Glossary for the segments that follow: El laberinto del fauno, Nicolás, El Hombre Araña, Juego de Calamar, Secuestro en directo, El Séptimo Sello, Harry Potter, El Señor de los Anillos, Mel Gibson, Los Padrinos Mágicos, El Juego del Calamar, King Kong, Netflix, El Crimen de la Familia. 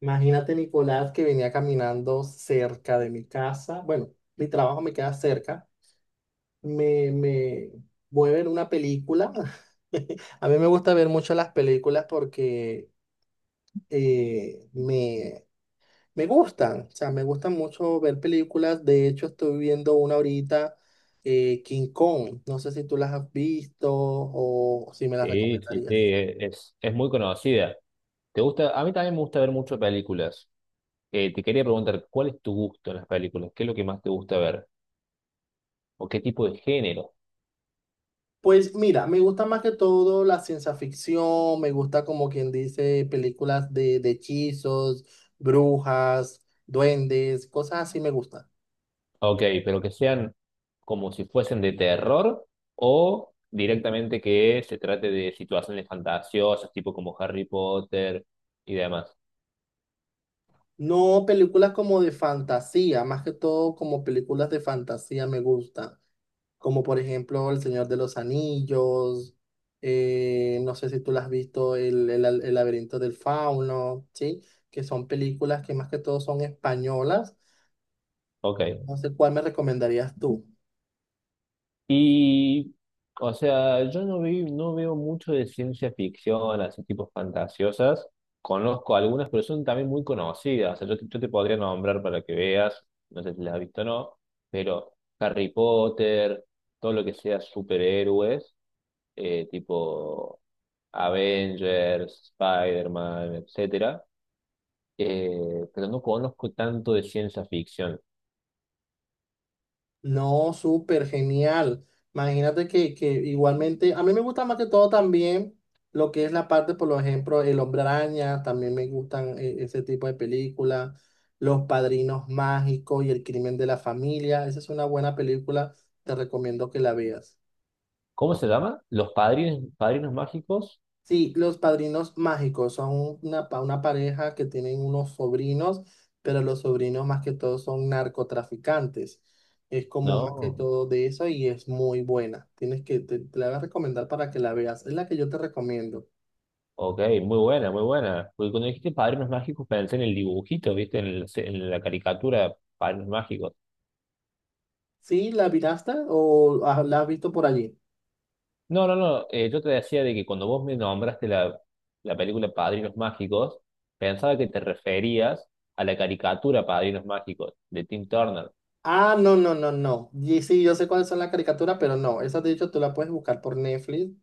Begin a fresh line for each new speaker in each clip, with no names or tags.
Imagínate, Nicolás, que venía caminando cerca de mi casa. Bueno, mi trabajo me queda cerca. Me voy a ver una película. A mí me gusta ver mucho las películas porque eh, me, me gustan. O sea, me gustan mucho ver películas. De hecho, estoy viendo una ahorita, King Kong. No sé si tú las has visto o si me las
Sí, sí, sí,
recomendarías.
es muy conocida. ¿Te gusta? A mí también me gusta ver mucho películas. Te quería preguntar, ¿cuál es tu gusto en las películas? ¿Qué es lo que más te gusta ver? ¿O qué tipo de género?
Pues mira, me gusta más que todo la ciencia ficción, me gusta como quien dice películas de hechizos, brujas, duendes, cosas así me gustan.
Ok, pero que sean como si fuesen de terror o directamente que se trate de situaciones fantasiosas, tipo como Harry Potter y demás.
No películas como de fantasía, más que todo como películas de fantasía me gustan, como por ejemplo El Señor de los Anillos, no sé si tú las has visto, el laberinto del fauno, ¿sí? Que son películas que más que todo son españolas.
Ok.
No sé cuál me recomendarías tú.
Y, o sea, yo no, vi, no veo mucho de ciencia ficción, así tipo fantasiosas. Conozco algunas, pero son también muy conocidas. O sea, yo te podría nombrar para que veas, no sé si las has visto o no, pero Harry Potter, todo lo que sea superhéroes, tipo Avengers, Spider-Man, etcétera. Pero no conozco tanto de ciencia ficción.
No, súper genial. Imagínate que igualmente, a mí me gusta más que todo también lo que es la parte, por ejemplo, El Hombre Araña, también me gustan ese tipo de películas, Los Padrinos Mágicos y El Crimen de la Familia. Esa es una buena película, te recomiendo que la veas.
¿Cómo se llama? ¿Los padrinos mágicos?
Sí, los padrinos mágicos son una, una pareja que tienen unos sobrinos, pero los sobrinos más que todo son narcotraficantes. Es como más que
No.
todo de eso y es muy buena. Tienes que, te la voy a recomendar para que la veas. Es la que yo te recomiendo.
Ok, muy buena, muy buena. Porque cuando dijiste padrinos mágicos pensé en el dibujito, ¿viste? En la caricatura, padrinos mágicos.
¿Sí? ¿La miraste o ah, la has visto por allí?
No, no, no. Eh, yo te decía de que cuando vos me nombraste la película Padrinos Mágicos, pensaba que te referías a la caricatura Padrinos Mágicos de Tim Turner.
Ah, no, no, no, no. Y sí, yo sé cuáles son las caricaturas, pero no. Esas, de hecho, tú la puedes buscar por Netflix.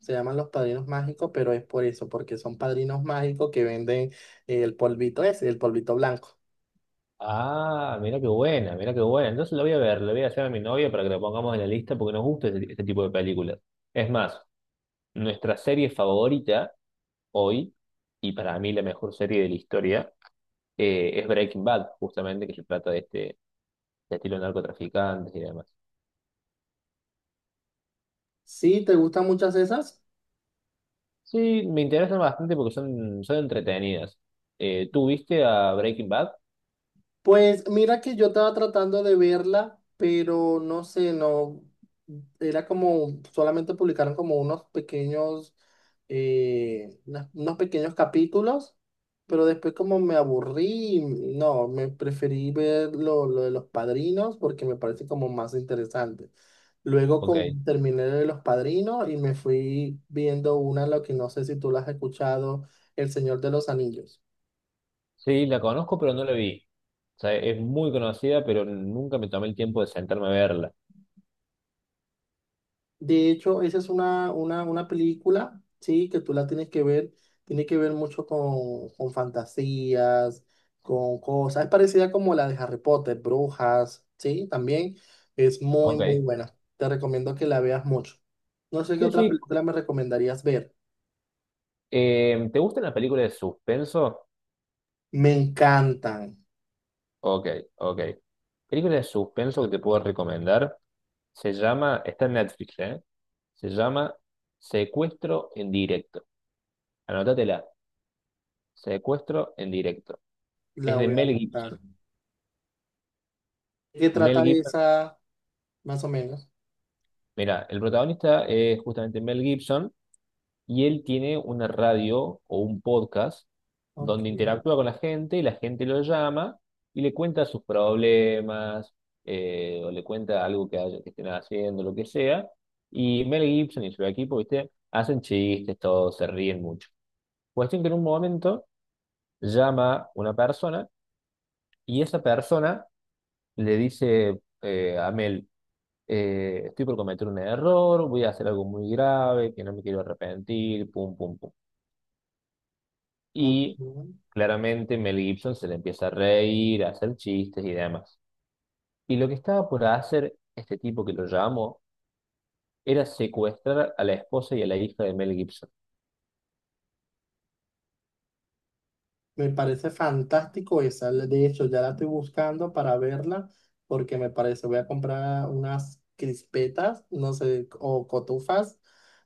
Se llaman Los Padrinos Mágicos, pero es por eso, porque son padrinos mágicos que venden el polvito ese, el polvito blanco.
Ah, mira qué buena, mira qué buena. Entonces lo voy a ver, le voy a hacer a mi novia para que lo pongamos en la lista porque nos gusta este tipo de películas. Es más, nuestra serie favorita hoy, y para mí la mejor serie de la historia. Eh, es Breaking Bad, justamente, que se trata de estilo de narcotraficantes y demás.
Sí, ¿te gustan muchas esas?
Sí, me interesan bastante porque son entretenidas. ¿Tú viste a Breaking Bad?
Pues mira que yo estaba tratando de verla, pero no sé, no, era como, solamente publicaron como unos pequeños, unos pequeños capítulos, pero después como me aburrí, y no, me preferí ver lo de los padrinos porque me parece como más interesante. Luego
Ok.
terminé de los padrinos y me fui viendo una, lo que no sé si tú la has escuchado, El Señor de los Anillos.
Sí, la conozco, pero no la vi. O sea, es muy conocida, pero nunca me tomé el tiempo de sentarme a verla.
De hecho, esa es una película, sí, que tú la tienes que ver, tiene que ver mucho con fantasías, con cosas, es parecida como la de Harry Potter, Brujas, sí, también es
Ok.
muy, muy buena. Te recomiendo que la veas mucho. No sé qué
Sí,
otra
sí.
película me recomendarías ver.
¿Te gustan las películas de suspenso?
Me encantan,
Ok, ok. Película de suspenso que te puedo recomendar se llama, está en Netflix, ¿eh? Se llama Secuestro en directo. Anótatela. Secuestro en directo.
la
Es de
voy a
Mel
anotar.
Gibson.
¿De ¿Qué
Mel
trata
Gibson,
esa, más o menos?
mira, el protagonista es justamente Mel Gibson y él tiene una radio o un podcast
Ok,
donde interactúa con la gente y la gente lo llama y le cuenta sus problemas o le cuenta algo que estén haciendo, lo que sea. Y Mel Gibson y su equipo, ¿viste? Hacen chistes, todos se ríen mucho. Cuestión que en un momento llama una persona y esa persona le dice a Mel. Eh, estoy por cometer un error, voy a hacer algo muy grave, que no me quiero arrepentir, pum, pum, pum. Y
ok.
claramente Mel Gibson se le empieza a reír, a hacer chistes y demás. Y lo que estaba por hacer este tipo que lo llamó era secuestrar a la esposa y a la hija de Mel Gibson.
Me parece fantástico esa. De hecho, ya la estoy buscando para verla porque me parece, voy a comprar unas crispetas, no sé, o cotufas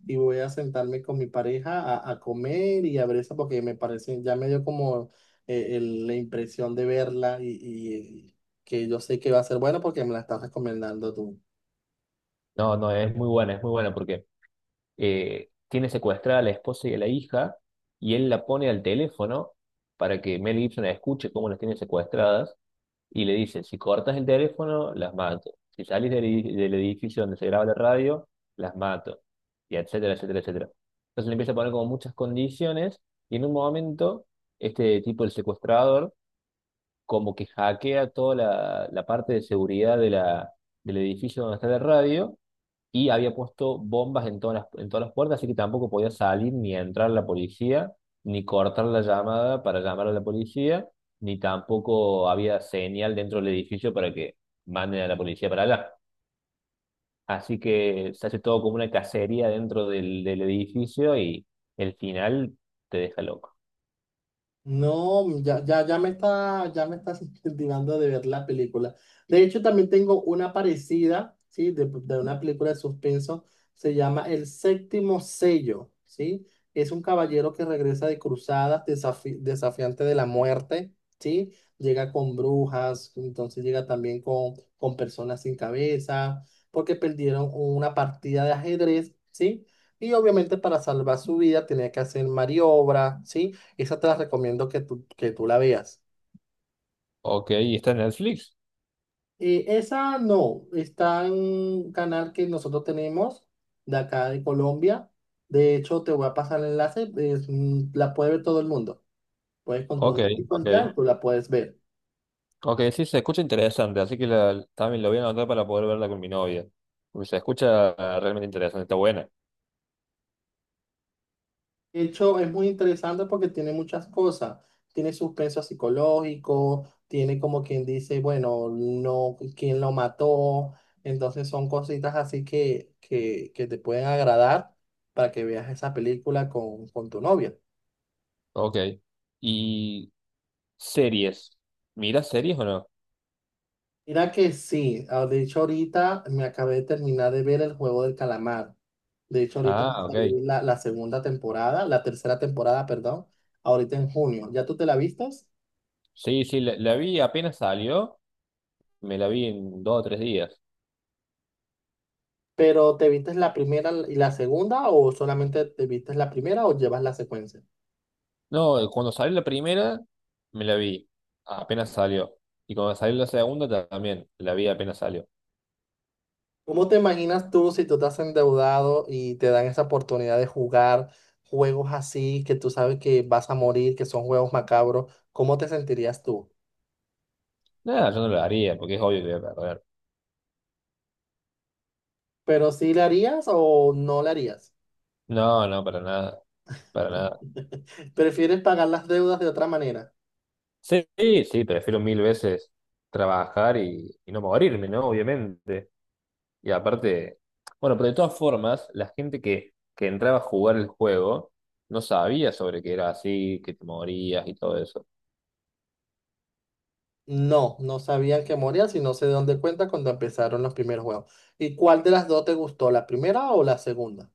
y voy a sentarme con mi pareja a comer y a ver eso porque me parece, ya me dio como la impresión de verla y que yo sé que va a ser bueno porque me la estás recomendando tú.
No, no, es muy buena porque tiene secuestrada a la esposa y a la hija y él la pone al teléfono para que Mel Gibson escuche cómo las tiene secuestradas y le dice, si cortas el teléfono, las mato. Si sales del edificio donde se graba la radio, las mato. Y etcétera, etcétera, etcétera. Entonces le empieza a poner como muchas condiciones y en un momento este tipo, el secuestrador, como que hackea toda la parte de seguridad del edificio donde está la radio y había puesto bombas en en todas las puertas, así que tampoco podía salir ni entrar la policía, ni cortar la llamada para llamar a la policía, ni tampoco había señal dentro del edificio para que manden a la policía para allá. Así que se hace todo como una cacería dentro del edificio y el final te deja loco.
No, ya me está, ya me estás incentivando de ver la película. De hecho, también tengo una parecida, ¿sí? De una película de suspenso. Se llama El Séptimo Sello, ¿sí? Es un caballero que regresa de cruzadas, desafiante de la muerte, ¿sí? Llega con brujas, entonces llega también con personas sin cabeza, porque perdieron una partida de ajedrez, ¿sí? Y obviamente para salvar su vida tenía que hacer maniobras, ¿sí? Esa te la recomiendo que tú la veas.
Ok, ¿y está en Netflix?
Esa no, está en un canal que nosotros tenemos de acá de Colombia. De hecho, te voy a pasar el enlace, es, la puede ver todo el mundo. Puedes con
Ok,
tus amigos
ok.
ya, tú la puedes ver.
Ok, sí, se escucha interesante, así que también lo voy a anotar para poder verla con mi novia. Porque se escucha ah, realmente interesante, está buena.
De hecho, es muy interesante porque tiene muchas cosas. Tiene suspenso psicológico, tiene como quien dice, bueno, no, quién lo mató. Entonces son cositas así que te pueden agradar para que veas esa película con tu novia.
Ok. ¿Y series? ¿Miras series o no?
Mira que sí, ah, de hecho ahorita me acabé de terminar de ver El Juego del Calamar. De hecho ahorita va
Ah,
a
ok.
salir la segunda temporada, la tercera temporada, perdón, ahorita en junio. ¿Ya tú te la vistas?
Sí, sí, la vi apenas salió, me la vi en 2 o 3 días.
Pero ¿te viste la primera y la segunda o solamente te viste la primera o llevas la secuencia?
No, cuando salió la primera, me la vi, apenas salió. Y cuando salió también, la vi apenas salió.
¿Cómo te imaginas tú si tú estás endeudado y te dan esa oportunidad de jugar juegos así que tú sabes que vas a morir, que son juegos macabros? ¿Cómo te sentirías tú?
Nada, yo no la haría, porque es obvio que voy a perder.
¿Pero sí le harías o no le harías?
No, no, para nada, para nada.
¿Prefieres pagar las deudas de otra manera?
Sí, sí, prefiero 1000 veces trabajar y no morirme, ¿no? Obviamente. Y aparte, bueno, pero de todas formas, la gente que entraba a jugar el juego no sabía sobre que era así, que te morías y todo eso.
No, no sabían que morías y no sé de dónde cuenta cuando empezaron los primeros juegos. ¿Y cuál de las dos te gustó, la primera o la segunda?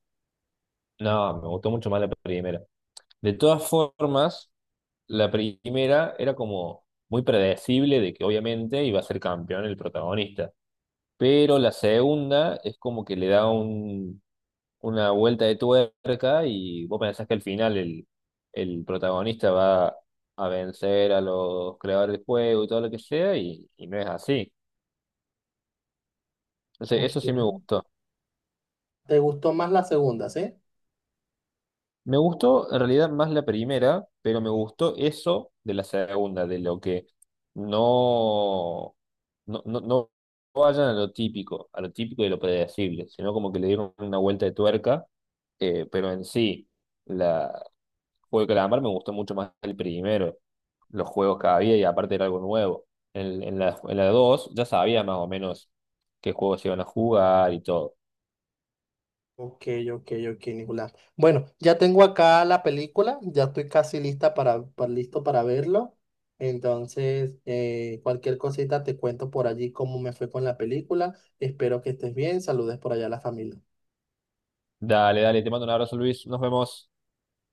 No, me gustó mucho más la primera. De todas formas, la primera era como muy predecible de que obviamente iba a ser campeón el protagonista. Pero la segunda es como que le da un una vuelta de tuerca y vos pensás que al final el protagonista va a vencer a los creadores del juego y todo lo que sea, y no es así. Entonces, eso
Ok.
sí me gustó.
Te gustó más la segunda, ¿sí?
Me gustó en realidad más la primera, pero me gustó eso de la segunda, de lo que no, no vayan a lo típico y lo predecible, sino como que le dieron una vuelta de tuerca, pero en sí Juego de Calamar me gustó mucho más el primero, los juegos que había y aparte era algo nuevo. En la 2 ya sabía más o menos qué juegos se iban a jugar y todo.
Ok, ok, ok, Nicolás. Bueno, ya tengo acá la película, ya estoy casi lista para, listo para verlo. Entonces, cualquier cosita te cuento por allí cómo me fue con la película. Espero que estés bien. Saludes por allá a la familia.
Dale, dale, te mando un abrazo Luis, nos vemos.